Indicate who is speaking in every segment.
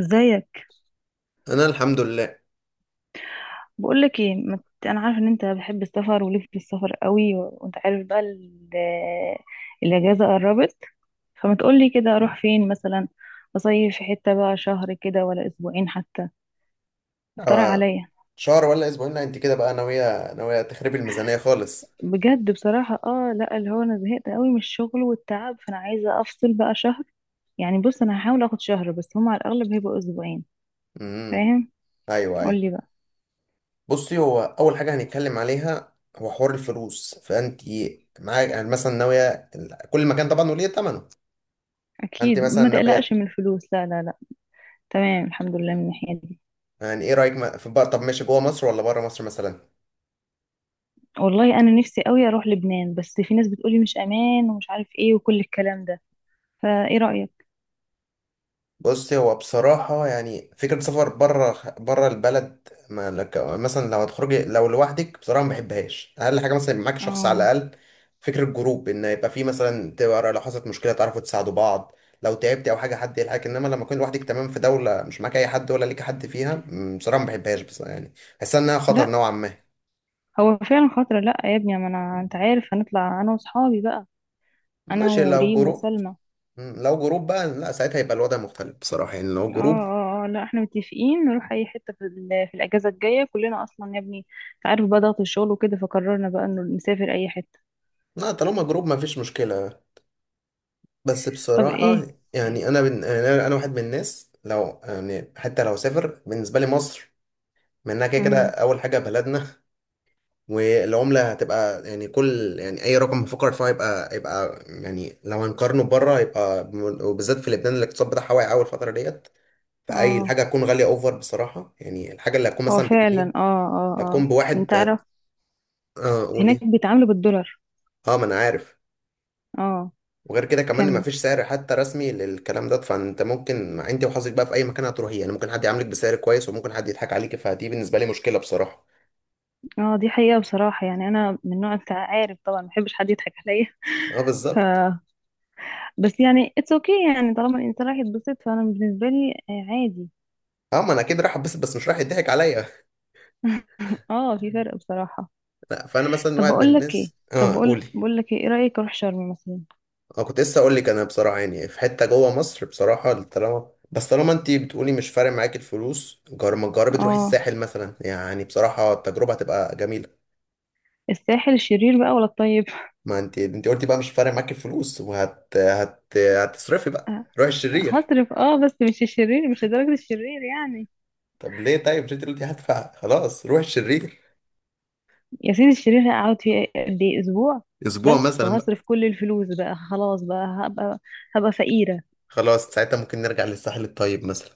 Speaker 1: ازيك؟
Speaker 2: انا الحمد لله.
Speaker 1: بقولك ايه، ما ت- انا عارفه ان انت بحب السفر وليك في السفر قوي، وانت عارف بقى الاجازه قربت. فما تقولي كده اروح فين مثلا، اصيف في حته بقى شهر كده ولا اسبوعين حتى. اقترح
Speaker 2: آه،
Speaker 1: عليا.
Speaker 2: شهر ولا اسبوعين؟ لا، انت كده بقى ناويه ناويه تخربي الميزانيه خالص.
Speaker 1: بجد بصراحه، اه لا، اللي هو انا زهقت قوي من الشغل والتعب، فانا عايزه افصل بقى شهر. يعني بص، انا هحاول اخد شهر بس هم على الاغلب هيبقوا اسبوعين.
Speaker 2: امم.
Speaker 1: فاهم؟
Speaker 2: ايوه ايوه.
Speaker 1: قولي بقى.
Speaker 2: بصي، هو اول حاجه هنتكلم عليها هو حوار الفلوس. فانت معاك يعني مثلا ناويه كل مكان طبعا وليه ثمنه. انت
Speaker 1: اكيد
Speaker 2: مثلا
Speaker 1: ما
Speaker 2: ناويه.
Speaker 1: تقلقش من الفلوس، لا لا لا. تمام الحمد لله من الناحيه دي.
Speaker 2: يعني ايه رايك، في بقى، طب ماشي جوه مصر ولا بره مصر مثلا؟
Speaker 1: والله انا نفسي قوي اروح لبنان، بس في ناس بتقولي مش امان ومش عارف ايه وكل الكلام ده. فايه رايك؟
Speaker 2: بص، هو بصراحة يعني فكرة سفر بره البلد، ما لك مثلا لو هتخرجي لو لوحدك بصراحة ما بحبهاش. أقل حاجة مثلا يبقى معاك شخص على
Speaker 1: اه
Speaker 2: الأقل. فكرة جروب، إن يبقى في مثلا تبقى، لو حصلت مشكلة تعرفوا تساعدوا بعض، لو تعبتي أو حاجة حد يلحقك. إنما لما تكون لوحدك تمام في دولة مش معاك أي حد ولا ليك حد فيها، بصراحة ما بحبهاش. بس يعني بحس إنها خطر
Speaker 1: لا،
Speaker 2: نوعا ما.
Speaker 1: هو فعلا خطر. لا يا ابني، ما انا انت عارف هنطلع انا واصحابي بقى. انا
Speaker 2: ماشي لو
Speaker 1: وريم
Speaker 2: جروب.
Speaker 1: وسلمى.
Speaker 2: لو جروب بقى، لا ساعتها يبقى الوضع مختلف بصراحة، يعني لو
Speaker 1: اه
Speaker 2: جروب.
Speaker 1: اه اه، لا احنا متفقين نروح اي حته في، في الاجازه الجايه كلنا اصلا يا ابني. انت عارف بقى ضغط الشغل وكده، فقررنا بقى انه نسافر اي حته.
Speaker 2: لا طالما جروب ما فيش مشكلة. بس
Speaker 1: طب
Speaker 2: بصراحة
Speaker 1: ايه؟
Speaker 2: يعني يعني أنا واحد من الناس، لو يعني حتى لو سافر بالنسبة لي مصر منها كده كده
Speaker 1: امم
Speaker 2: أول حاجة بلدنا. والعملة هتبقى يعني كل، يعني أي رقم بفكر فيه هيبقى يعني لو هنقارنه بره هيبقى وبالذات في لبنان، الاقتصاد بتاعها واقع أول فترة ديت. فأي
Speaker 1: اه
Speaker 2: الحاجة هتكون غالية أوفر بصراحة، يعني الحاجة اللي هتكون
Speaker 1: هو
Speaker 2: مثلا بجنيه،
Speaker 1: فعلا، اه اه.
Speaker 2: اللي
Speaker 1: اه
Speaker 2: هتكون
Speaker 1: انت
Speaker 2: بواحد
Speaker 1: عارف
Speaker 2: آه قول
Speaker 1: هناك
Speaker 2: إيه.
Speaker 1: بيتعاملوا بالدولار.
Speaker 2: أه ما أنا عارف.
Speaker 1: اه
Speaker 2: وغير كده كمان ما
Speaker 1: كمل.
Speaker 2: فيش سعر حتى رسمي للكلام ده، فانت ممكن انت وحظك بقى في اي مكان هتروحيه، يعني ممكن حد يعاملك بسعر كويس وممكن حد يضحك عليك. فدي بالنسبه لي مشكله بصراحه.
Speaker 1: اه دي حقيقة، بصراحة يعني انا من نوع انت عارف طبعا ما بحبش حد يضحك عليا.
Speaker 2: اه
Speaker 1: ف
Speaker 2: بالظبط.
Speaker 1: بس يعني اتس اوكي okay، يعني طالما الانسان راح يتبسط فانا بالنسبة لي عادي.
Speaker 2: اه ما انا اكيد راح اتبسط بس مش راح يضحك عليا.
Speaker 1: اه في فرق بصراحة.
Speaker 2: لا فانا مثلا
Speaker 1: طب
Speaker 2: واحد من
Speaker 1: بقول لك ايه،
Speaker 2: الناس.
Speaker 1: طب
Speaker 2: اه
Speaker 1: بقول
Speaker 2: قولي.
Speaker 1: بقول لك ايه، إيه رأيك اروح شرم مثلا؟
Speaker 2: اه كنت لسه اقول لك. انا بصراحه يعني في حته جوه مصر بصراحه، طالما طالما انت بتقولي مش فارق معاك الفلوس، جر ما تجربي تروحي
Speaker 1: اه
Speaker 2: الساحل مثلا، يعني بصراحه التجربه هتبقى جميله.
Speaker 1: الساحل الشرير بقى ولا الطيب؟
Speaker 2: ما انت انت قلتي بقى مش فارق معاك الفلوس هتصرفي بقى،
Speaker 1: آه،
Speaker 2: روحي الشرير.
Speaker 1: هصرف اه، بس مش الشرير، مش لدرجة الشرير يعني.
Speaker 2: طب ليه؟ طيب مش انت دلوقتي هدفع خلاص، روح الشرير.
Speaker 1: يا سيدي الشرير هقعد فيه قد ايه؟ اسبوع
Speaker 2: اسبوع
Speaker 1: بس،
Speaker 2: مثلا بقى.
Speaker 1: وهصرف كل الفلوس بقى خلاص، بقى هبقى فقيرة.
Speaker 2: خلاص ساعتها ممكن نرجع للساحل الطيب مثلا.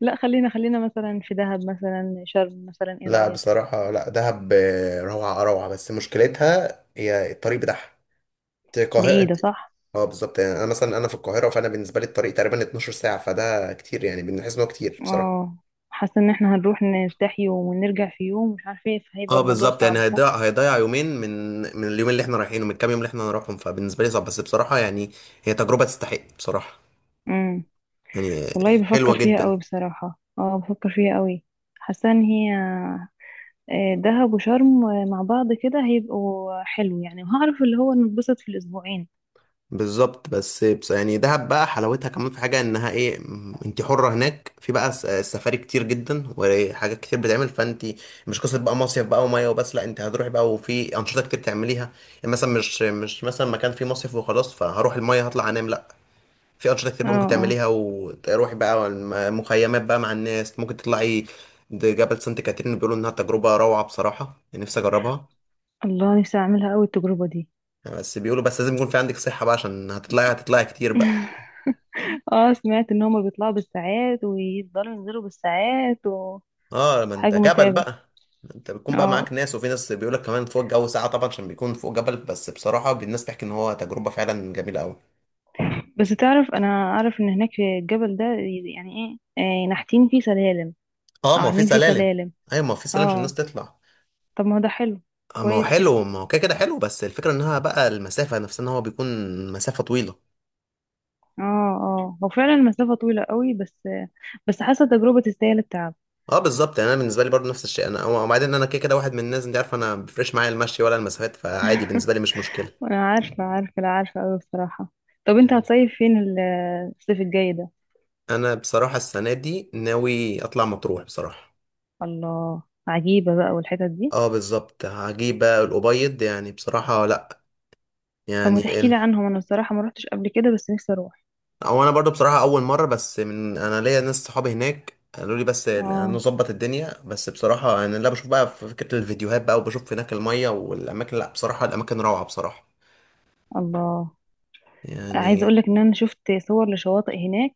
Speaker 1: لا خلينا خلينا مثلا في دهب مثلا، شرم مثلا، ايه
Speaker 2: لا
Speaker 1: رأيك؟
Speaker 2: بصراحة، لا دهب آه، روعة روعة، بس مشكلتها هي الطريق بتاعها. انت القاهرة انت.
Speaker 1: بعيدة صح.
Speaker 2: اه بالظبط، يعني انا مثلا انا في القاهرة، فانا بالنسبة لي الطريق تقريبا 12 ساعة، فده كتير، يعني بنحس ان هو كتير بصراحة.
Speaker 1: اه حاسة ان احنا هنروح نرتاح يوم ونرجع في يوم مش عارفة ايه،
Speaker 2: اه
Speaker 1: فهيبقى الموضوع
Speaker 2: بالظبط، يعني
Speaker 1: صعب صح.
Speaker 2: هيضيع يومين من، من اليومين اللي احنا رايحينه، من الكام يوم اللي احنا هنروحهم، فبالنسبة لي صعب. بس بصراحة يعني هي تجربة تستحق بصراحة،
Speaker 1: امم
Speaker 2: يعني
Speaker 1: والله
Speaker 2: حلوة
Speaker 1: بفكر فيها قوي
Speaker 2: جدا.
Speaker 1: بصراحة، اه بفكر فيها قوي. حاسة ان هي دهب وشرم مع بعض كده هيبقوا حلو يعني، وهعرف اللي هو نتبسط في الاسبوعين.
Speaker 2: بالظبط. بس يعني دهب بقى حلاوتها كمان في حاجة انها ايه، انت حرة هناك، في بقى السفاري كتير جدا وحاجات كتير بتعمل. فانت مش قصة بقى مصيف بقى ومية وبس، لا انت هتروحي بقى وفي انشطة كتير تعمليها. يعني مثلا مش مثلا مكان فيه مصيف وخلاص فهروح المية هطلع انام، لا. في انشطة كتير
Speaker 1: اه
Speaker 2: بقى ممكن
Speaker 1: اه.
Speaker 2: تعمليها، وتروحي بقى مخيمات بقى مع الناس ممكن تطلعي. ده جبل سانت كاترين بيقولوا انها تجربة روعة بصراحة. يعني نفسي اجربها.
Speaker 1: الله، نفسي اعملها قوي التجربة دي.
Speaker 2: بس بيقولوا بس لازم يكون في عندك صحة بقى، عشان هتطلعي كتير بقى.
Speaker 1: اه سمعت ان هما بيطلعوا بالساعات ويفضلوا ينزلوا بالساعات،
Speaker 2: اه ما انت
Speaker 1: وحاجة
Speaker 2: جبل
Speaker 1: متعبة.
Speaker 2: بقى. ما انت بتكون بقى
Speaker 1: اه
Speaker 2: معاك ناس، وفي ناس بيقول لك كمان فوق الجو ساعة طبعا عشان بيكون فوق جبل، بس بصراحة الناس بتحكي ان هو تجربة فعلا جميلة قوي.
Speaker 1: بس تعرف، انا اعرف ان هناك في الجبل ده يعني ايه نحتين فيه سلالم
Speaker 2: اه
Speaker 1: او
Speaker 2: ما هو في
Speaker 1: عاملين فيه
Speaker 2: سلالم.
Speaker 1: سلالم.
Speaker 2: ايوه ما هو في سلالم عشان
Speaker 1: اه
Speaker 2: الناس تطلع.
Speaker 1: طب ما هو ده حلو.
Speaker 2: اه ما هو
Speaker 1: كويس كده.
Speaker 2: حلو، ما هو كده كده حلو. بس الفكرة انها بقى المسافة نفسها ان هو بيكون مسافة طويلة.
Speaker 1: اه اه هو فعلا المسافة طويلة قوي، بس بس حاسة تجربة تستاهل التعب.
Speaker 2: اه بالظبط، يعني انا بالنسبة لي برضو نفس الشيء. انا وبعدين انا كده كده واحد من الناس، انت عارف انا ما بيفرقش معايا المشي ولا المسافات، فعادي بالنسبة لي مش مشكلة.
Speaker 1: انا عارفة عارفة، لا عارفة قوي بصراحة. طب انت
Speaker 2: يعني
Speaker 1: هتصيف فين الصيف الجاي ده؟
Speaker 2: انا بصراحة السنة دي ناوي اطلع مطروح بصراحة.
Speaker 1: الله، عجيبة بقى والحتت دي.
Speaker 2: اه بالظبط، هجيب بقى الأبيض يعني بصراحة، لأ.
Speaker 1: طب ما
Speaker 2: يعني
Speaker 1: تحكي لي عنهم، انا بصراحة ما روحتش قبل كده بس نفسي اروح.
Speaker 2: أو أنا برضو بصراحة أول مرة، بس من، أنا ليا ناس صحابي هناك قالوا لي بس
Speaker 1: اه
Speaker 2: نظبط الدنيا. بس بصراحة أنا اللي بشوف بقى في فكرة الفيديوهات بقى، وبشوف هناك المية والأماكن، لأ بصراحة الأماكن روعة بصراحة.
Speaker 1: الله. عايزة
Speaker 2: يعني.
Speaker 1: اقولك ان انا شفت صور لشواطئ هناك،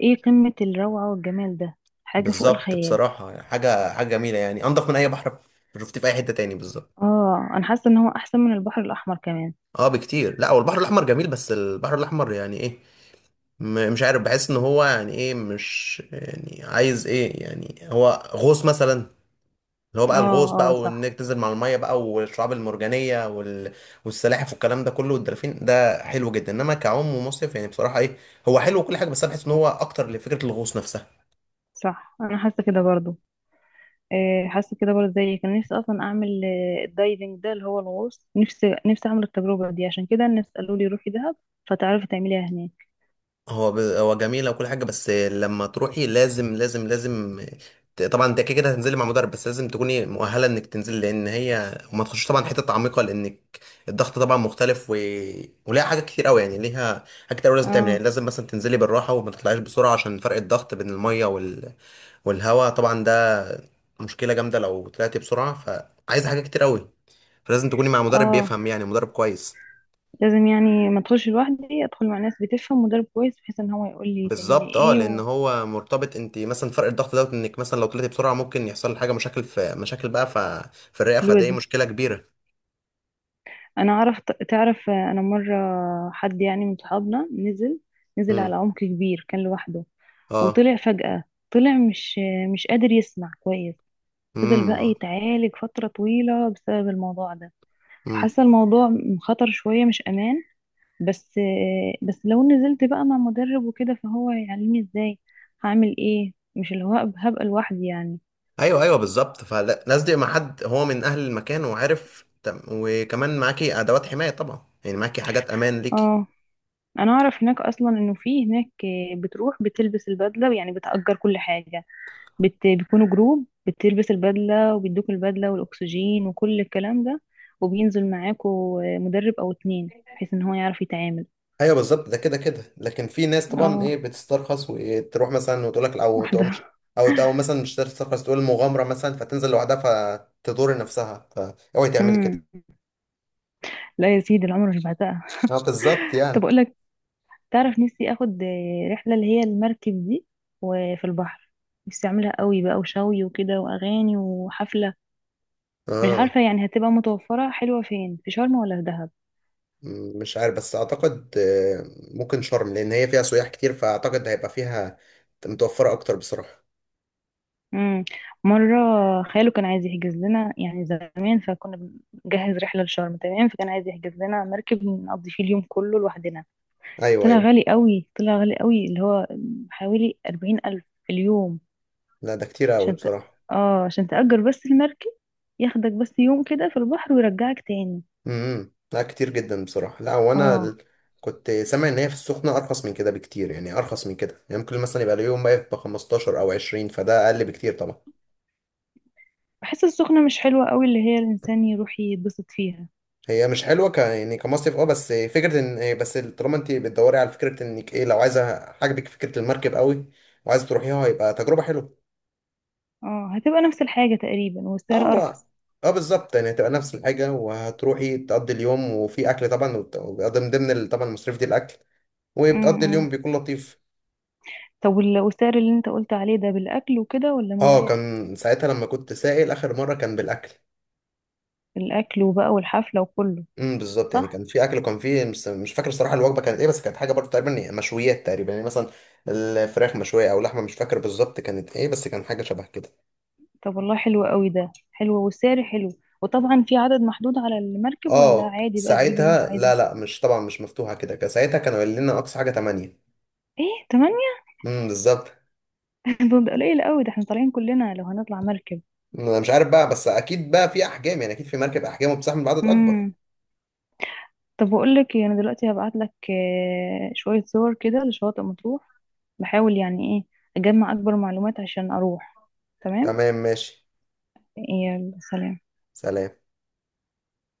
Speaker 1: ايه قمة الروعة والجمال ده، حاجة فوق
Speaker 2: بالظبط
Speaker 1: الخيال.
Speaker 2: بصراحة، حاجة حاجة جميلة يعني، أنضف من أي بحر شفتيه في أي حتة تاني. بالظبط.
Speaker 1: اه انا حاسة ان هو احسن من البحر الاحمر كمان.
Speaker 2: اه بكتير. لأ والبحر الأحمر جميل بس البحر الأحمر يعني إيه، مش عارف. بحس ان هو يعني ايه، مش يعني عايز ايه، يعني هو غوص مثلا، اللي هو
Speaker 1: اه
Speaker 2: بقى الغوص
Speaker 1: اه
Speaker 2: بقى،
Speaker 1: صح.
Speaker 2: وانك تنزل مع الميه بقى، والشعاب المرجانيه والسلاحف والكلام ده كله والدلافين، ده حلو جدا. انما كعوم ومصيف يعني بصراحه ايه، هو حلو وكل حاجه، بس انا بحس ان هو اكتر لفكره الغوص نفسها.
Speaker 1: صح انا حاسة كده برضو، حاسة كده برضو زيك. كان نفسي اصلا اعمل الدايفنج ده اللي هو الغوص، نفسي نفسي اعمل التجربة دي. عشان كده الناس قالوا لي روحي دهب، فتعرفي تعمليها هناك.
Speaker 2: هو جميل وكل حاجه، بس لما تروحي لازم لازم لازم، طبعا انت كده كده هتنزلي مع مدرب، بس لازم تكوني مؤهله انك تنزلي، لان هي وما تخش طبعا حته عميقه، لانك الضغط طبعا مختلف وليها حاجات كتير قوي. يعني ليها حاجات كتير قوي لازم تعملها، يعني
Speaker 1: اه
Speaker 2: لازم مثلا تنزلي بالراحه وما تطلعيش بسرعه عشان فرق الضغط بين الميه والهواء طبعا، ده مشكله جامده لو طلعتي بسرعه، فعايزه حاجات كتير قوي، فلازم تكوني مع مدرب
Speaker 1: اه
Speaker 2: بيفهم، يعني مدرب كويس.
Speaker 1: لازم، يعني ما ادخلش لوحدي، ادخل مع ناس بتفهم، مدرب كويس بحيث ان هو يقول لي تعملي
Speaker 2: بالظبط. اه
Speaker 1: ايه.
Speaker 2: لان هو مرتبط، انت مثلا فرق الضغط دوت، انك مثلا لو طلعتي بسرعه ممكن يحصل حاجه، مشاكل في مشاكل بقى، في الرئه، فدي
Speaker 1: وفي،
Speaker 2: مشكله كبيره.
Speaker 1: انا اعرف. تعرف انا مره حد يعني من صحابنا نزل، نزل
Speaker 2: امم.
Speaker 1: على عمق كبير، كان لوحده،
Speaker 2: اه.
Speaker 1: وطلع فجأة. طلع مش قادر يسمع كويس، فضل بقى
Speaker 2: امم.
Speaker 1: يتعالج فتره طويله بسبب الموضوع ده.
Speaker 2: امم.
Speaker 1: حاسه الموضوع خطر شويه، مش امان. بس بس لو نزلت بقى مع مدرب وكده فهو يعلمني ازاي هعمل ايه، مش اللي هو هبقى لوحدي يعني.
Speaker 2: ايوه ايوه، بالظبط فلازم يبقى مع حد هو من اهل المكان وعارف، وكمان معاكي ادوات حمايه طبعا، يعني معاكي حاجات امان ليكي.
Speaker 1: اه انا اعرف، هناك اصلا انه في هناك بتروح بتلبس البدله، يعني بتأجر كل حاجه. بيكونوا جروب، بتلبس البدلة وبيدوك البدلة والأكسجين وكل الكلام ده، وبينزل معاكوا مدرب أو اتنين بحيث إن هو يعرف يتعامل.
Speaker 2: ايوه بالظبط، ده كده كده. لكن في ناس طبعا
Speaker 1: اه
Speaker 2: ايه بتسترخص وتروح مثلا وتقول لك او تقوم
Speaker 1: واحدة.
Speaker 2: مش، او مثلا مش تسترخص تقول مغامره مثلا، فتنزل لوحدها فتضر نفسها. فاوعي تعملي
Speaker 1: مم.
Speaker 2: كده.
Speaker 1: لا يا سيدي، العمر مش بعتها.
Speaker 2: اه بالظبط
Speaker 1: طب
Speaker 2: يعني.
Speaker 1: أقول لك، تعرف نفسي آخد رحلة اللي هي المركب دي وفي البحر، نفسي أعملها قوي بقى، وشوي وكده وأغاني وحفلة. مش
Speaker 2: اه
Speaker 1: عارفة يعني هتبقى متوفرة حلوة فين، في شرم ولا في دهب؟
Speaker 2: مش عارف بس اعتقد، ممكن شرم لان هي فيها سياح كتير، فاعتقد هيبقى فيها متوفرة اكتر بصراحة.
Speaker 1: امم مرة خاله كان عايز يحجز لنا يعني زمان، فكنا بنجهز رحلة لشرم تمام، فكان عايز يحجز لنا مركب نقضي فيه اليوم كله لوحدنا.
Speaker 2: ايوه
Speaker 1: طلع
Speaker 2: ايوه.
Speaker 1: غالي قوي، طلع غالي قوي، اللي هو حوالي 40,000 في اليوم.
Speaker 2: لا ده كتير قوي
Speaker 1: عشان ت...
Speaker 2: بصراحة.
Speaker 1: اه عشان تأجر بس المركب، ياخدك بس يوم كده في البحر ويرجعك تاني.
Speaker 2: امم، لا كتير جدا بصراحة، لا وانا
Speaker 1: اه
Speaker 2: كنت سامع ان هي في السخنة ارخص من كده بكتير، يعني ارخص من كده، يعني ممكن مثلا يبقى اليوم واقف ب 15 او 20، فده اقل بكتير طبعا.
Speaker 1: بحس السخنة مش حلوة قوي اللي هي الإنسان يروح يتبسط فيها.
Speaker 2: هي مش حلوه ك يعني كمصيف، اه بس فكره، ان بس طالما انت بتدوري على فكره انك ايه، لو عايزه عاجبك فكره المركب قوي وعايزه تروحيها، هيبقى تجربه حلوه.
Speaker 1: اه هتبقى نفس الحاجة تقريبا
Speaker 2: اه
Speaker 1: والسعر
Speaker 2: هو.
Speaker 1: أرخص.
Speaker 2: اه بالظبط، يعني هتبقى نفس الحاجة، وهتروحي تقضي اليوم وفي أكل طبعا، وبيبقى من ضمن طبعا المصاريف دي الأكل، وبتقضي اليوم
Speaker 1: مم.
Speaker 2: بيكون لطيف.
Speaker 1: طب والسعر اللي انت قلت عليه ده بالاكل وكده ولا من
Speaker 2: اه
Speaker 1: غير؟
Speaker 2: كان ساعتها لما كنت سائل آخر مرة كان بالأكل.
Speaker 1: الاكل وبقى والحفله وكله؟
Speaker 2: بالظبط، يعني
Speaker 1: صح.
Speaker 2: كان في أكل وكان في، مش فاكر الصراحة الوجبة كانت إيه، بس كانت حاجة برضه تقريبا، يعني مشويات تقريبا يعني مثلا الفراخ مشوية أو لحمة، مش فاكر بالظبط كانت إيه، بس كان حاجة شبه كده.
Speaker 1: طب والله حلو قوي ده، حلو والسعر حلو. وطبعا في عدد محدود على المركب ولا
Speaker 2: اه
Speaker 1: عادي بقى تجيب اللي انت
Speaker 2: ساعتها
Speaker 1: عايزه؟
Speaker 2: لا، لا مش طبعا مش مفتوحة كده، كان ساعتها كانوا قايلين لنا أقصى حاجة 8.
Speaker 1: ايه 8؟
Speaker 2: بالظبط.
Speaker 1: طب ده قليل قوي، ده احنا طالعين كلنا لو هنطلع مركب.
Speaker 2: انا مش عارف بقى، بس اكيد بقى في احجام، يعني اكيد في مركب احجام وبتستحمل بعدد اكبر.
Speaker 1: امم طب بقول لك ايه، انا دلوقتي هبعت لك شويه صور كده لشواطئ مطروح. بحاول يعني ايه اجمع اكبر معلومات عشان اروح. تمام.
Speaker 2: تمام ماشي.
Speaker 1: يلا سلام.
Speaker 2: سلام.